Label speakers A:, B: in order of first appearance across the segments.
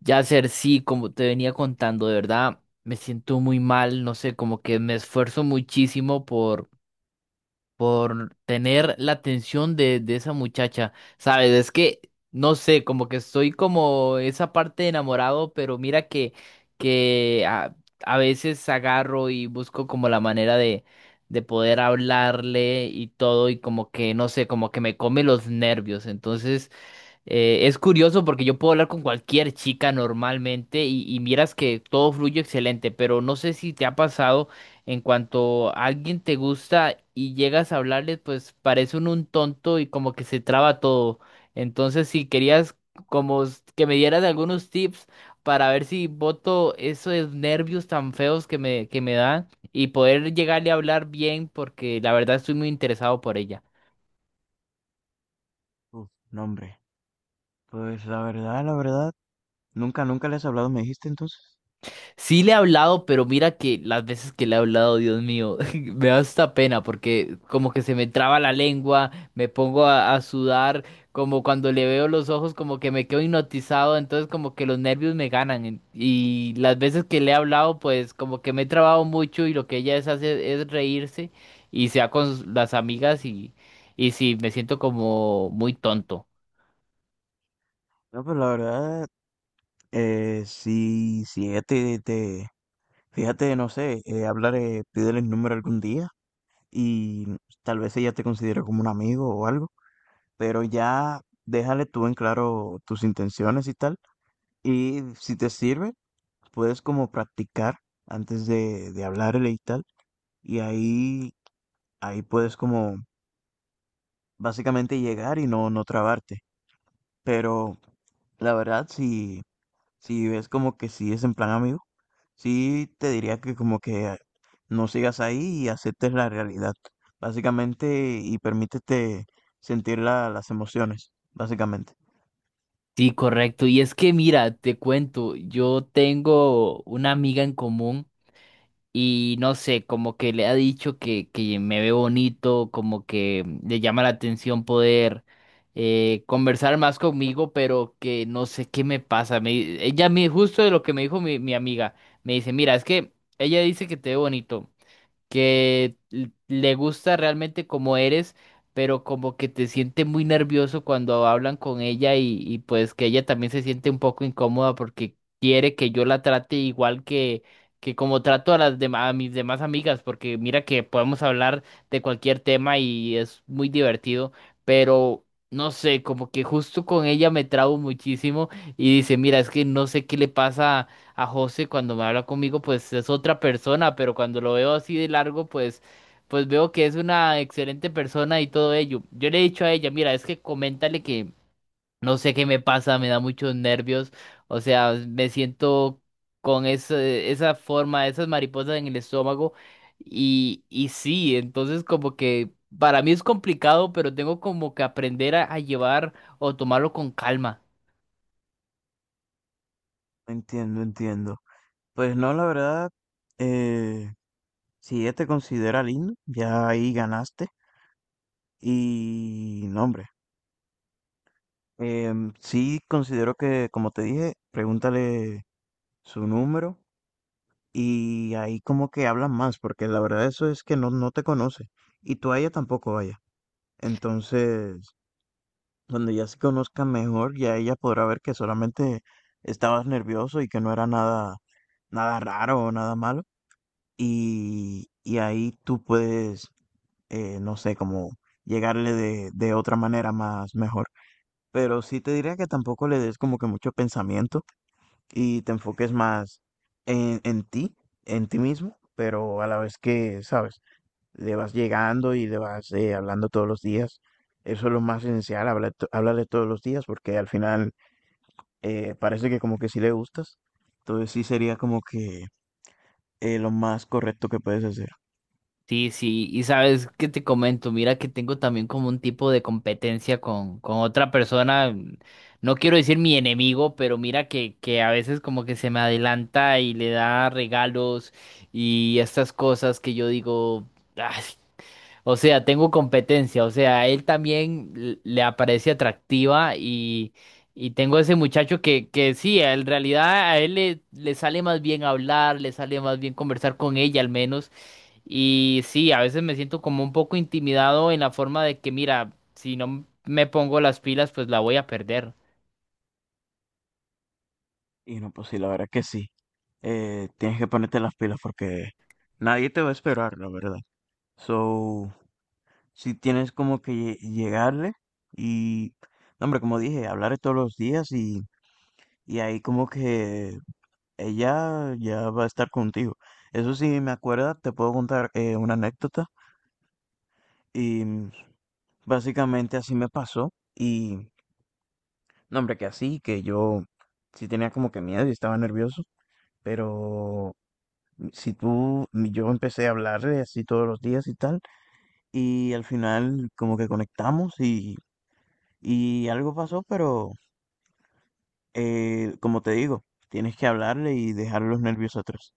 A: Ya ser sí, como te venía contando, de verdad me siento muy mal, no sé, como que me esfuerzo muchísimo por tener la atención de esa muchacha, ¿sabes? Es que, no sé, como que estoy como esa parte de enamorado, pero mira que a veces agarro y busco como la manera de poder hablarle y todo, y como que, no sé, como que me come los nervios, entonces... Es curioso porque yo puedo hablar con cualquier chica normalmente y miras que todo fluye excelente, pero no sé si te ha pasado en cuanto a alguien te gusta y llegas a hablarle, pues parece uno un tonto y como que se traba todo. Entonces, si querías que me dieras algunos tips para ver si boto esos nervios tan feos que me dan y poder llegarle a hablar bien porque la verdad estoy muy interesado por ella.
B: Uf, no, hombre. Pues la verdad, nunca les has hablado, me dijiste entonces.
A: Sí le he hablado, pero mira que las veces que le he hablado, Dios mío, me da hasta pena porque como que se me traba la lengua, me pongo a sudar, como cuando le veo los ojos como que me quedo hipnotizado, entonces como que los nervios me ganan y las veces que le he hablado pues como que me he trabado mucho y lo que ella es hace es reírse y sea con las amigas y sí, me siento como muy tonto.
B: No, pues la verdad, si ella fíjate, no sé, hablar, pídele el número algún día y tal vez ella te considere como un amigo o algo, pero ya déjale tú en claro tus intenciones y tal. Y si te sirve, puedes como practicar antes de hablarle y tal. Y ahí puedes como básicamente llegar y no trabarte. Pero la verdad, si, si ves como que sí es en plan amigo, sí te diría que como que no sigas ahí y aceptes la realidad, básicamente, y permítete sentir las emociones, básicamente.
A: Sí, correcto. Y es que mira, te cuento, yo tengo una amiga en común. Y no sé, como que le ha dicho que me ve bonito, como que le llama la atención poder conversar más conmigo, pero que no sé qué me pasa. Ella me, justo de lo que me dijo mi amiga, me dice, mira, es que ella dice que te ve bonito que le gusta realmente como eres, pero como que te siente muy nervioso cuando hablan con ella y pues que ella también se siente un poco incómoda porque quiere que yo la trate igual que como trato a las demás, a mis demás amigas, porque mira que podemos hablar de cualquier tema y es muy divertido, pero no sé, como que justo con ella me trabo muchísimo y dice, mira, es que no sé qué le pasa a José cuando me habla conmigo, pues es otra persona, pero cuando lo veo así de largo, pues, pues veo que es una excelente persona y todo ello. Yo le he dicho a ella, mira, es que coméntale que no sé qué me pasa, me da muchos nervios, o sea, me siento con esa forma, esas mariposas en el estómago y sí, entonces como que para mí es complicado, pero tengo como que aprender a llevar o tomarlo con calma.
B: Entiendo, entiendo. Pues no, la verdad, eh, si ella te considera lindo, ya ahí ganaste. Y no, hombre, sí considero que, como te dije, pregúntale su número. Y ahí como que hablan más, porque la verdad eso es que no te conoce. Y tú a ella tampoco vaya. Entonces, cuando ya se conozcan mejor, ya ella podrá ver que solamente estabas nervioso y que no era nada, nada raro o nada malo. Y ahí tú puedes, no sé, como llegarle de otra manera más mejor. Pero sí te diría que tampoco le des como que mucho pensamiento y te enfoques más en, en ti, en ti mismo, pero a la vez que, sabes, le vas llegando y le vas hablando todos los días. Eso es lo más esencial, háblale todos los días porque al final parece que como que sí le gustas. Entonces sí sería como que lo más correcto que puedes hacer.
A: Sí, sí, y sabes qué te comento, mira que tengo también como un tipo de competencia con otra persona, no quiero decir mi enemigo, pero mira que a veces como que se me adelanta y le da regalos y estas cosas que yo digo, "Ay", o sea, tengo competencia, o sea, a él también le aparece atractiva y tengo ese muchacho que sí, en realidad a él le sale más bien hablar, le sale más bien conversar con ella al menos. Y sí, a veces me siento como un poco intimidado en la forma de que, mira, si no me pongo las pilas, pues la voy a perder.
B: Y no, pues sí, la verdad que sí. Tienes que ponerte las pilas porque nadie te va a esperar, la verdad. So, si tienes como que llegarle y, no, hombre, como dije, hablar todos los días y ahí como que ella ya va a estar contigo. Eso sí, me acuerda, te puedo contar una anécdota y mm, básicamente así me pasó no, hombre, que así, que yo sí tenía como que miedo y estaba nervioso, pero si tú, yo empecé a hablarle así todos los días y tal . Y al final como que conectamos y algo pasó, pero... Como te digo, tienes que hablarle y dejar los nervios atrás.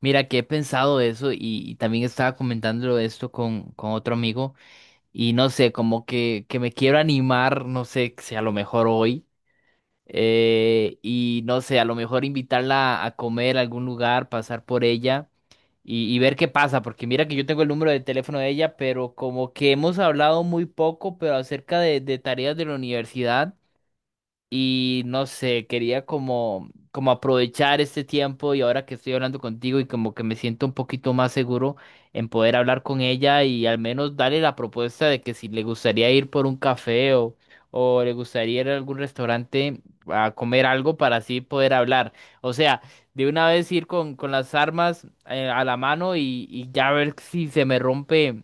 A: Mira, que he pensado de eso y también estaba comentándolo de esto con otro amigo y no sé, como que me quiero animar, no sé, si a lo mejor hoy y no sé, a lo mejor invitarla a comer a algún lugar, pasar por ella y ver qué pasa, porque mira que yo tengo el número de teléfono de ella, pero como que hemos hablado muy poco, pero acerca de tareas de la universidad. Y no sé, quería como, como aprovechar este tiempo y ahora que estoy hablando contigo y como que me siento un poquito más seguro en poder hablar con ella y al menos darle la propuesta de que si le gustaría ir por un café o le gustaría ir a algún restaurante a comer algo para así poder hablar. O sea, de una vez ir con las armas a la mano y ya ver si se me rompe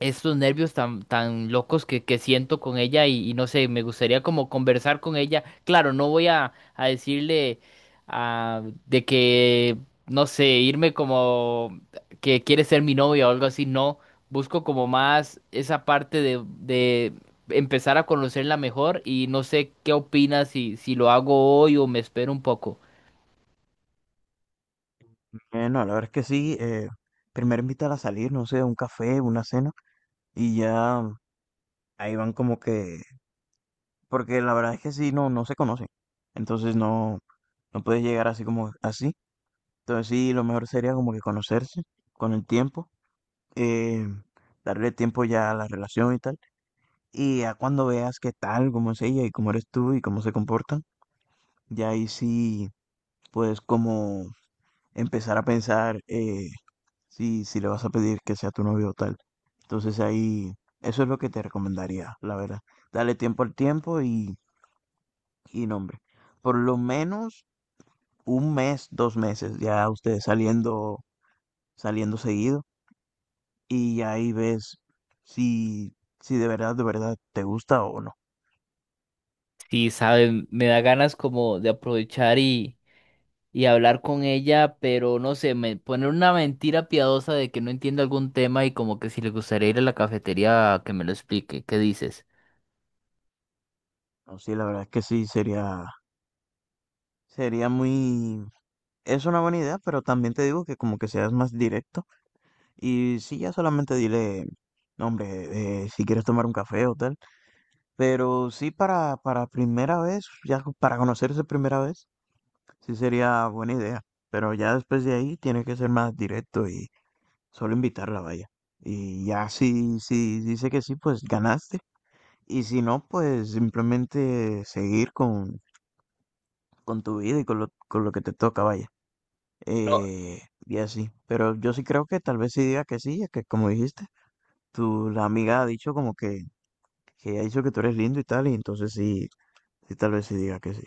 A: estos nervios tan, tan locos que siento con ella y no sé, me gustaría como conversar con ella. Claro, no voy a decirle ah, de que, no sé, irme como que quiere ser mi novia o algo así, no. Busco como más esa parte de empezar a conocerla mejor y no sé qué opinas si, si lo hago hoy o me espero un poco.
B: No, la verdad es que sí. Primero invítala a salir, no sé, a un café, una cena, y ya ahí van como que, porque la verdad es que sí, no se conocen. Entonces no puedes llegar así como así. Entonces sí, lo mejor sería como que conocerse con el tiempo, eh, darle tiempo ya a la relación y tal. Y ya cuando veas qué tal, cómo es ella y cómo eres tú y cómo se comportan, ya ahí sí, pues como empezar a pensar si, si le vas a pedir que sea tu novio o tal. Entonces ahí, eso es lo que te recomendaría, la verdad. Dale tiempo al tiempo y nombre. Por lo menos un mes, dos meses, ya ustedes saliendo, saliendo seguido y ahí ves si, si de verdad, de verdad te gusta o no.
A: Sí, saben, me da ganas como de aprovechar y hablar con ella, pero no sé, me poner una mentira piadosa de que no entiendo algún tema y como que si le gustaría ir a la cafetería a que me lo explique. ¿Qué dices?
B: No, sí, la verdad es que sí, sería, sería muy, es una buena idea, pero también te digo que como que seas más directo. Y sí, ya solamente dile, "No, hombre, si quieres tomar un café o tal, pero sí para primera vez, ya para conocerse primera vez, sí sería buena idea, pero ya después de ahí tiene que ser más directo y solo invitarla, vaya. Y ya si, si dice que sí, pues ganaste, y si no, pues simplemente seguir con tu vida y con lo que te toca, vaya.
A: No,
B: Y así, pero yo sí creo que tal vez sí diga que sí, ya que como dijiste. Tu, la amiga ha dicho como que ella ha dicho que tú eres lindo y tal, y entonces sí, sí, tal vez sí diga que sí.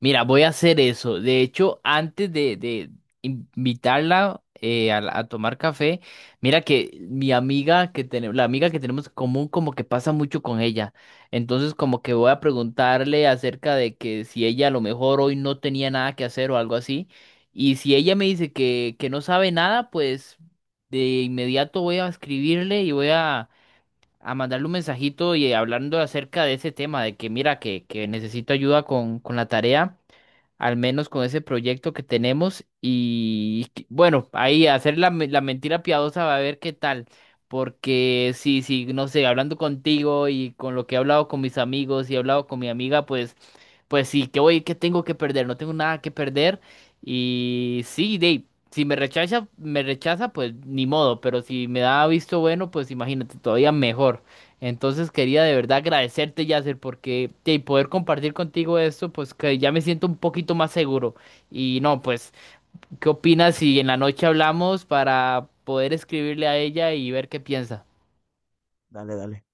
A: mira, voy a hacer eso. De hecho, antes de invitarla a, a tomar café, mira que mi amiga que tenemos, la amiga que tenemos en común, como que pasa mucho con ella. Entonces, como que voy a preguntarle acerca de que si ella a lo mejor hoy no tenía nada que hacer o algo así. Y si ella me dice que no sabe nada, pues de inmediato voy a escribirle y voy a mandarle un mensajito y hablando acerca de ese tema, de que mira que necesito ayuda con la tarea al menos con ese proyecto que tenemos. Y bueno, ahí hacer la mentira piadosa va a ver qué tal. Porque sí, sí, no sé, hablando contigo y con lo que he hablado con mis amigos y he hablado con mi amiga, pues pues sí, ¿qué voy, qué tengo que perder? No tengo nada que perder. Y sí, Dave, si me rechaza, me rechaza, pues ni modo. Pero si me da visto bueno, pues imagínate, todavía mejor. Entonces quería de verdad agradecerte, Yasser, porque de poder compartir contigo esto, pues que ya me siento un poquito más seguro. Y no, pues, ¿qué opinas si en la noche hablamos para poder escribirle a ella y ver qué piensa?
B: Dale, dale.